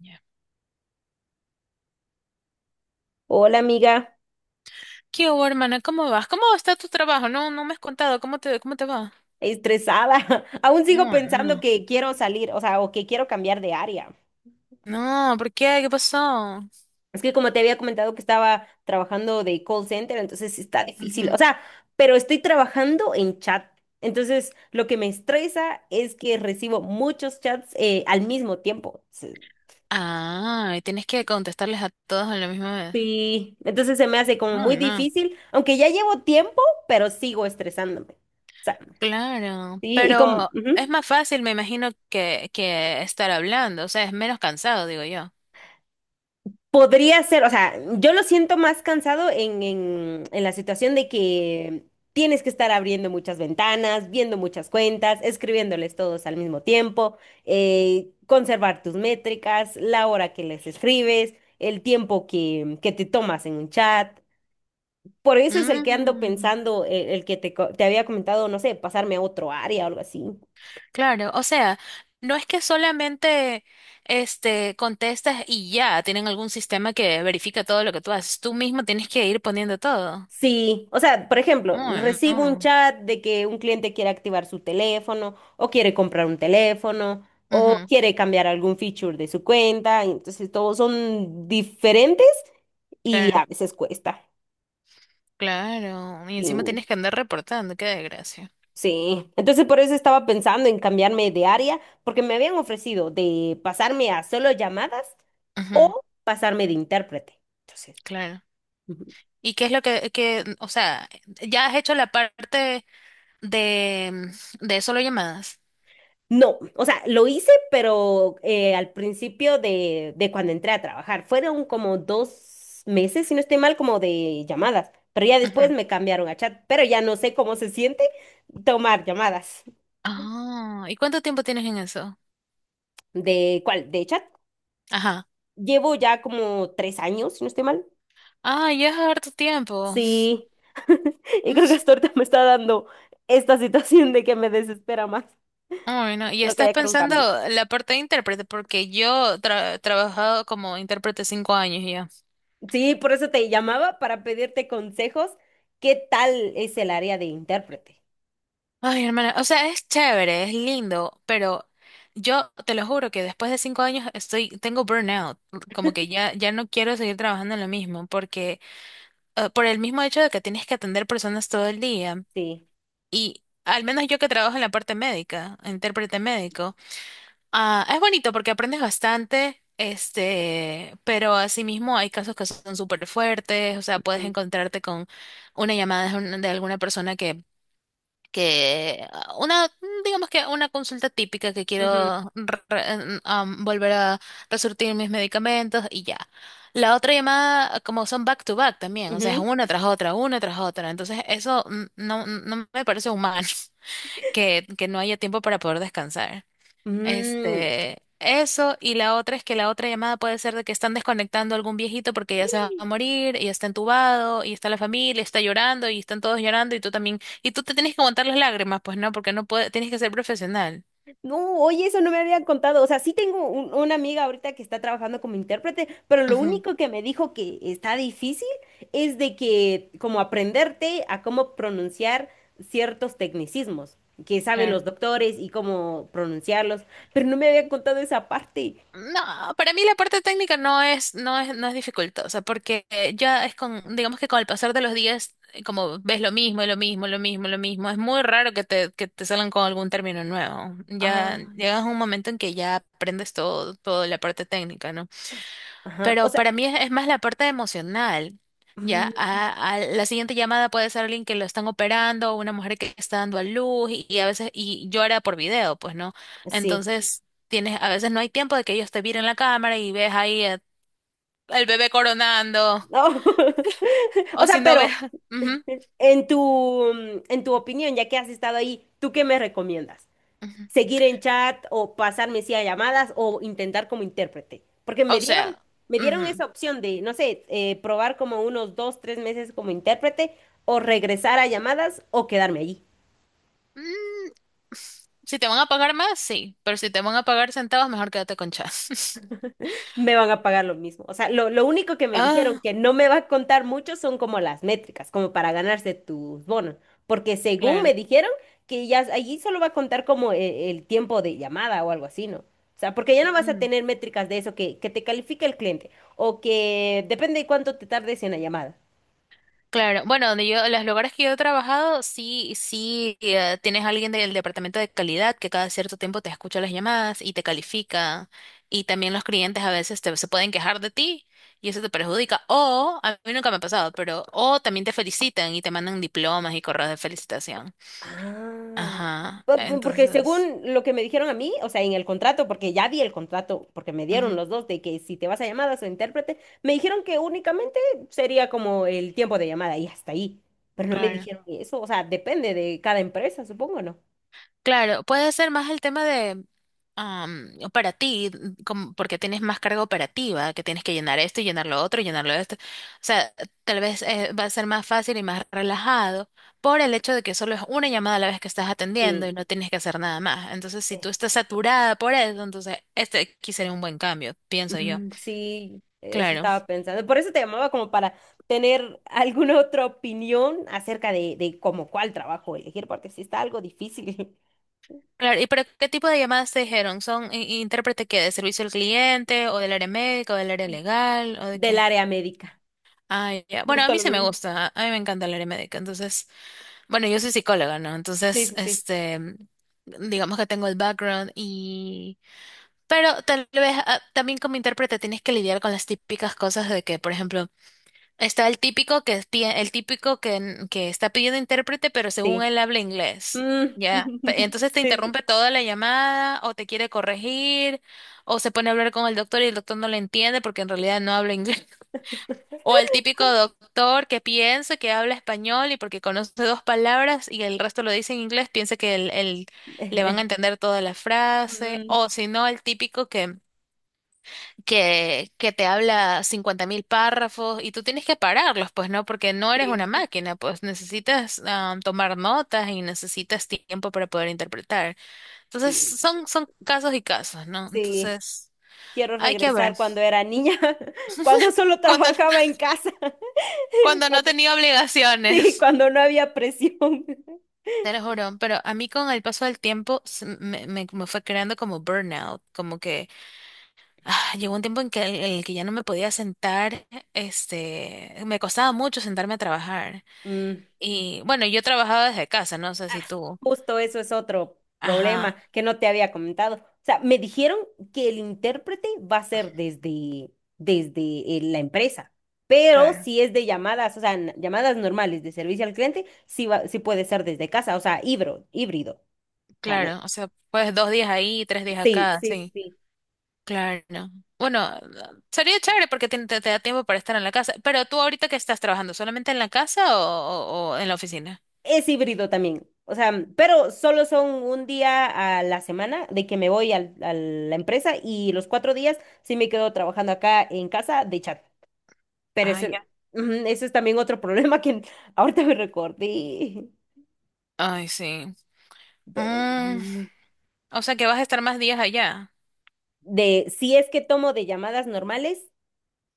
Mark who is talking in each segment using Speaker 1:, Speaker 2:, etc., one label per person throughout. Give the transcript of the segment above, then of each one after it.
Speaker 1: Ya.
Speaker 2: Hola amiga,
Speaker 1: ¿Qué hubo, hermana? ¿Cómo vas? ¿Cómo está tu trabajo? No, no me has contado. ¿Cómo cómo te va?
Speaker 2: estresada. Aún sigo
Speaker 1: Oh,
Speaker 2: pensando
Speaker 1: no.
Speaker 2: que quiero salir, o sea, o que quiero cambiar de área.
Speaker 1: No, ¿por qué? ¿Qué pasó?
Speaker 2: Es que como te había comentado que estaba trabajando de call center, entonces está difícil. O
Speaker 1: Ujú.
Speaker 2: sea, pero estoy trabajando en chat. Entonces, lo que me estresa es que recibo muchos chats al mismo tiempo.
Speaker 1: Ah, y tienes que contestarles a todos a la misma vez.
Speaker 2: Sí, entonces se me hace como
Speaker 1: No,
Speaker 2: muy
Speaker 1: no.
Speaker 2: difícil, aunque ya llevo tiempo, pero sigo estresándome. O sea,
Speaker 1: Claro,
Speaker 2: sí, y como
Speaker 1: pero
Speaker 2: ujú.
Speaker 1: es más fácil, me imagino, que estar hablando. O sea, es menos cansado, digo yo.
Speaker 2: Podría ser, o sea, yo lo siento más cansado en la situación de que tienes que estar abriendo muchas ventanas, viendo muchas cuentas, escribiéndoles todos al mismo tiempo, conservar tus métricas, la hora que les escribes, el tiempo que te tomas en un chat. Por eso es el que ando
Speaker 1: Mm,
Speaker 2: pensando, el, que te, co- te había comentado, no sé, pasarme a otro área o algo así.
Speaker 1: claro, o sea, no es que solamente este contestas y ya, tienen algún sistema que verifica todo lo que tú haces. Tú mismo tienes que ir poniendo todo.
Speaker 2: Sí, o sea, por ejemplo,
Speaker 1: Ay,
Speaker 2: recibo un
Speaker 1: no.
Speaker 2: chat de que un cliente quiere activar su teléfono o quiere comprar un teléfono o
Speaker 1: Ujú.
Speaker 2: quiere cambiar algún feature de su cuenta, entonces todos son diferentes y
Speaker 1: Claro,
Speaker 2: a veces cuesta.
Speaker 1: claro. Y
Speaker 2: Sí,
Speaker 1: encima tienes que andar reportando, qué desgracia.
Speaker 2: sí. Entonces por eso estaba pensando en cambiarme de área porque me habían ofrecido de pasarme a solo llamadas
Speaker 1: Ujú.
Speaker 2: o pasarme de intérprete. Entonces,
Speaker 1: Claro. ¿Y qué es lo o sea, ya has hecho la parte de, de solo llamadas?
Speaker 2: no, o sea, lo hice, pero al principio de, cuando entré a trabajar. Fueron como 2 meses, si no estoy mal, como de llamadas. Pero ya después
Speaker 1: Ujú.
Speaker 2: me cambiaron a chat. Pero ya no sé cómo se siente tomar llamadas.
Speaker 1: Ah, ¿y cuánto tiempo tienes en eso?
Speaker 2: ¿De cuál? ¿De chat?
Speaker 1: Ajá.
Speaker 2: Llevo ya como 3 años, si no estoy mal.
Speaker 1: Ah, ya es harto tiempo.
Speaker 2: Sí. Y creo que hasta ahorita me está dando esta situación de que me desespera más.
Speaker 1: Ay, no. Y
Speaker 2: Creo que
Speaker 1: estás
Speaker 2: ya quiero un
Speaker 1: pensando
Speaker 2: cambio.
Speaker 1: la parte de intérprete, porque he trabajado como intérprete 5 años ya.
Speaker 2: Sí, por eso te llamaba para pedirte consejos. ¿Qué tal es el área de intérprete?
Speaker 1: Ay, hermana, o sea, es chévere, es lindo, pero yo te lo juro que después de 5 años estoy, tengo burnout, como que ya, ya no quiero seguir trabajando en lo mismo, porque por el mismo hecho de que tienes que atender personas todo el día,
Speaker 2: Sí.
Speaker 1: y al menos yo que trabajo en la parte médica, intérprete médico, es bonito porque aprendes bastante, este, pero asimismo hay casos que son súper fuertes, o sea, puedes
Speaker 2: Ujú,
Speaker 1: encontrarte con una llamada de alguna persona que digamos que una consulta típica que
Speaker 2: ujú,
Speaker 1: quiero volver a resurtir mis medicamentos y ya. La otra llamada, ah, como son back to back también, o sea, es
Speaker 2: ujú.
Speaker 1: una tras otra, una tras otra. Entonces, eso no, no me parece humano que no haya tiempo para poder descansar.
Speaker 2: Mm.
Speaker 1: Este, eso, y la otra es que la otra llamada puede ser de que están desconectando a algún viejito porque ya se va a morir, y está entubado, y está la familia, está llorando, y están todos llorando, y tú también, y tú te tienes que aguantar las lágrimas, pues no, porque no puedes, tienes que ser profesional.
Speaker 2: No, oye, eso no me habían contado. O sea, sí tengo una amiga ahorita que está trabajando como intérprete, pero lo
Speaker 1: Ujú,
Speaker 2: único que me dijo que está difícil es de que como aprenderte a cómo pronunciar ciertos tecnicismos que saben
Speaker 1: claro.
Speaker 2: los doctores y cómo pronunciarlos, pero no me habían contado esa parte.
Speaker 1: No, para mí la parte técnica no es dificultosa, porque ya es con, digamos que con el pasar de los días, como ves lo mismo, es muy raro que que te salgan con algún término nuevo. Ya
Speaker 2: Ah,
Speaker 1: llegas a un momento en que ya aprendes todo, toda la parte técnica, ¿no?
Speaker 2: ajá. O
Speaker 1: Pero
Speaker 2: sea,
Speaker 1: para mí es más la parte emocional. A la siguiente llamada puede ser alguien que lo están operando, una mujer que está dando a luz y a veces y llora por video, pues no.
Speaker 2: sí.
Speaker 1: Entonces, tienes, a veces no hay tiempo de que ellos te miren la cámara y ves al bebé coronando,
Speaker 2: No. O
Speaker 1: o si
Speaker 2: sea,
Speaker 1: no ves,
Speaker 2: pero
Speaker 1: ujú,
Speaker 2: en tu, en tu opinión, ya que has estado ahí, ¿tú qué me recomiendas?
Speaker 1: ujú.
Speaker 2: ¿Seguir en chat o pasarme sí a llamadas o intentar como intérprete? Porque me
Speaker 1: O
Speaker 2: dieron,
Speaker 1: sea,
Speaker 2: me dieron
Speaker 1: ujú.
Speaker 2: esa opción de, no sé, probar como unos dos, tres meses como intérprete o regresar a llamadas o quedarme allí.
Speaker 1: Mm, si te van a pagar más, sí, pero si te van a pagar centavos, mejor quédate con chas.
Speaker 2: Me van a pagar lo mismo. O sea, lo único que me dijeron
Speaker 1: Ah,
Speaker 2: que no me va a contar mucho son como las métricas, como para ganarse tus bonos. Porque según
Speaker 1: claro.
Speaker 2: me dijeron que ya allí solo va a contar como el tiempo de llamada o algo así, ¿no? O sea, porque ya no vas a tener métricas de eso que te califica el cliente o que depende de cuánto te tardes en la llamada.
Speaker 1: Claro, bueno, los lugares que yo he trabajado, sí, sí, tienes alguien del departamento de calidad que cada cierto tiempo te escucha las llamadas y te califica, y también los clientes a veces se pueden quejar de ti y eso te perjudica, o, a mí nunca me ha pasado, pero, o también te felicitan y te mandan diplomas y correos de felicitación.
Speaker 2: Ah,
Speaker 1: Ajá,
Speaker 2: porque
Speaker 1: entonces,
Speaker 2: según lo que me dijeron a mí, o sea, en el contrato, porque ya vi el contrato, porque me dieron
Speaker 1: ujú,
Speaker 2: los dos de que si te vas a llamadas o intérprete, me dijeron que únicamente sería como el tiempo de llamada y hasta ahí. Pero no me
Speaker 1: claro.
Speaker 2: dijeron eso, o sea, depende de cada empresa, supongo, ¿no?
Speaker 1: Claro, puede ser más el tema de para ti, como porque tienes más carga operativa, que tienes que llenar esto y llenar lo otro y llenar lo esto. O sea, tal vez va a ser más fácil y más relajado por el hecho de que solo es una llamada a la vez que estás atendiendo
Speaker 2: Sí,
Speaker 1: y no tienes que hacer nada más. Entonces, si tú
Speaker 2: es-
Speaker 1: estás saturada por eso, entonces este aquí sería un buen cambio, pienso yo.
Speaker 2: sí, eso
Speaker 1: Claro,
Speaker 2: estaba pensando. Por eso te llamaba como para tener alguna otra opinión acerca de, como cuál trabajo elegir, porque sí está algo difícil
Speaker 1: claro. ¿Y pero qué tipo de llamadas te dijeron? ¿Son intérprete que de servicio al cliente o del área médica o del área legal o de
Speaker 2: del
Speaker 1: qué?
Speaker 2: área médica.
Speaker 1: Ah, ya. Bueno, a
Speaker 2: Justo
Speaker 1: mí
Speaker 2: lo
Speaker 1: sí me
Speaker 2: mismo.
Speaker 1: gusta, a mí me encanta el área médica, entonces, bueno, yo soy psicóloga, ¿no?
Speaker 2: Sí,
Speaker 1: Entonces,
Speaker 2: sí, sí,
Speaker 1: este, digamos que tengo el background y, pero tal vez también como intérprete tienes que lidiar con las típicas cosas de que, por ejemplo, está el típico que está pidiendo intérprete, pero según
Speaker 2: sí.
Speaker 1: él habla inglés,
Speaker 2: Mm.
Speaker 1: ¿ya? Entonces te
Speaker 2: Sí,
Speaker 1: interrumpe toda la llamada o te quiere corregir o se pone a hablar con el doctor y el doctor no le entiende porque en realidad no habla inglés. O el típico doctor que piensa que habla español y porque conoce dos palabras y el resto lo dice en inglés, piensa que
Speaker 2: sí.
Speaker 1: le van a entender toda la frase.
Speaker 2: Mm,
Speaker 1: O si no, el típico que te habla 50.000 párrafos y tú tienes que pararlos, pues no, porque no eres
Speaker 2: sí,
Speaker 1: una máquina, pues necesitas tomar notas y necesitas tiempo para poder interpretar. Entonces,
Speaker 2: sí,
Speaker 1: son casos y casos, ¿no?
Speaker 2: sí.
Speaker 1: Entonces,
Speaker 2: Quiero
Speaker 1: hay que ver.
Speaker 2: regresar cuando era niña, cuando solo
Speaker 1: Cuando,
Speaker 2: trabajaba en casa,
Speaker 1: cuando no
Speaker 2: cuando-
Speaker 1: tenía
Speaker 2: sí,
Speaker 1: obligaciones.
Speaker 2: cuando no había presión.
Speaker 1: Te lo juro, pero a mí con el paso del tiempo me fue creando como burnout, como que llegó un tiempo en en el que ya no me podía sentar, este, me costaba mucho sentarme a trabajar.
Speaker 2: Mm.
Speaker 1: Y bueno, yo trabajaba desde casa, no sé
Speaker 2: Ah,
Speaker 1: si tú.
Speaker 2: justo eso es otro problema
Speaker 1: Ajá,
Speaker 2: que no te había comentado. O sea, me dijeron que el intérprete va a ser desde la empresa, pero
Speaker 1: claro,
Speaker 2: si es de llamadas, o sea, llamadas normales de servicio al cliente, sí, sí puede ser desde casa, o sea, híbrido, híbrido. O sea,
Speaker 1: claro, o sea, pues 2 días ahí, 3 días
Speaker 2: sí,
Speaker 1: acá,
Speaker 2: sí,
Speaker 1: sí,
Speaker 2: sí.
Speaker 1: claro. Bueno, sería chévere porque te da tiempo para estar en la casa, pero tú ahorita que estás trabajando, ¿solamente en la casa o en la oficina?
Speaker 2: Es híbrido también. O sea, pero solo son un día a la semana de que me voy a la empresa y los 4 días sí me quedo trabajando acá en casa de chat. Pero
Speaker 1: Ah, ya.
Speaker 2: ese es también otro problema que ahorita me recordé.
Speaker 1: Ay, sí.
Speaker 2: Pero,
Speaker 1: Mm, o sea que vas a estar más días allá.
Speaker 2: de si es que tomo de llamadas normales,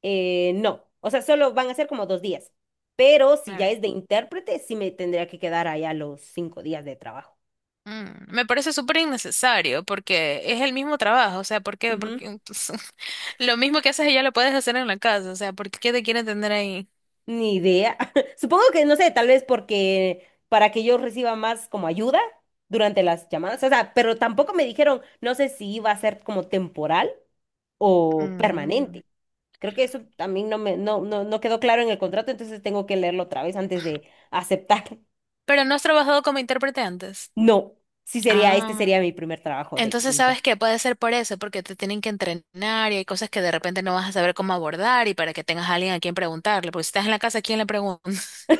Speaker 2: no. O sea, solo van a ser como 2 días. Pero si ya
Speaker 1: Ah,
Speaker 2: es de intérprete, sí me tendría que quedar allá los 5 días de trabajo.
Speaker 1: mm, me parece súper innecesario porque es el mismo trabajo, o sea, ¿por qué?
Speaker 2: Ujú,
Speaker 1: Porque lo mismo que haces allá lo puedes hacer en la casa, o sea, ¿por qué te quieren tener ahí?
Speaker 2: ni idea. Supongo que, no sé, tal vez porque para que yo reciba más como ayuda durante las llamadas. O sea, pero tampoco me dijeron, no sé si iba a ser como temporal o
Speaker 1: Mm,
Speaker 2: permanente. Creo que eso también no me, no, no, no quedó claro en el contrato, entonces tengo que leerlo otra vez antes de aceptar.
Speaker 1: pero no has trabajado como intérprete antes.
Speaker 2: No, sí sería, este
Speaker 1: Ah,
Speaker 2: sería mi primer trabajo de
Speaker 1: entonces,
Speaker 2: limpiar.
Speaker 1: ¿sabes que puede ser por eso, porque te tienen que entrenar y hay cosas que de repente no vas a saber cómo abordar y para que tengas a alguien a quien preguntarle, porque si estás en la casa, ¿a quién le preguntas?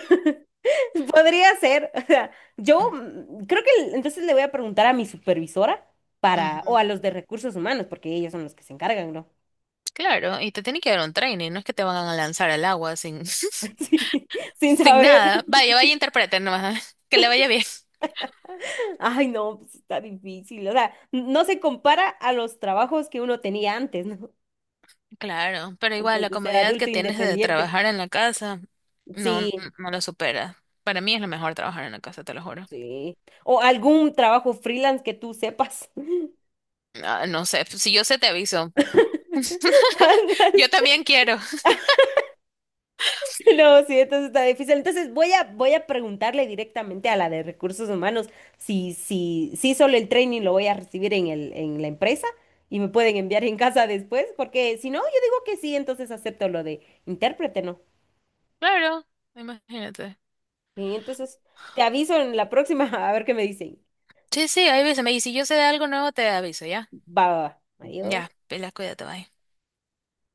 Speaker 2: Podría ser, o sea, yo creo que entonces le voy a preguntar a mi supervisora para, o
Speaker 1: ujú.
Speaker 2: a los de recursos humanos, porque ellos son los que se encargan, ¿no?
Speaker 1: Claro, y te tienen que dar un training, no es que te van a lanzar al agua sin...
Speaker 2: Sí, sin
Speaker 1: Sin
Speaker 2: saber.
Speaker 1: nada. Vaya, vaya, interpreten nomás. Que le vaya bien.
Speaker 2: Ay, no, pues está difícil. O sea, no se compara a los trabajos que uno tenía antes, ¿no?
Speaker 1: Claro, pero igual
Speaker 2: Antes
Speaker 1: la
Speaker 2: de ser
Speaker 1: comodidad que
Speaker 2: adulto
Speaker 1: tienes de
Speaker 2: independiente.
Speaker 1: trabajar en la casa no,
Speaker 2: Sí,
Speaker 1: no lo supera. Para mí es lo mejor trabajar en la casa, te lo juro.
Speaker 2: sí. O algún trabajo freelance que tú sepas.
Speaker 1: Ah, no sé, si yo sé te aviso.
Speaker 2: Ándale.
Speaker 1: Yo también quiero.
Speaker 2: No, sí, entonces está difícil. Entonces voy a preguntarle directamente a la de recursos humanos si solo el training lo voy a recibir en la empresa y me pueden enviar en casa después, porque si no, yo digo que sí, entonces acepto lo de intérprete, ¿no?
Speaker 1: Claro, imagínate.
Speaker 2: Y entonces te aviso en la próxima a ver qué me dicen.
Speaker 1: Sí, sí, ahí avísame. Y si yo sé de algo nuevo, te aviso, ¿ya?
Speaker 2: Va, va, va.
Speaker 1: Ya,
Speaker 2: Adiós.
Speaker 1: Pela, cuídate, bye.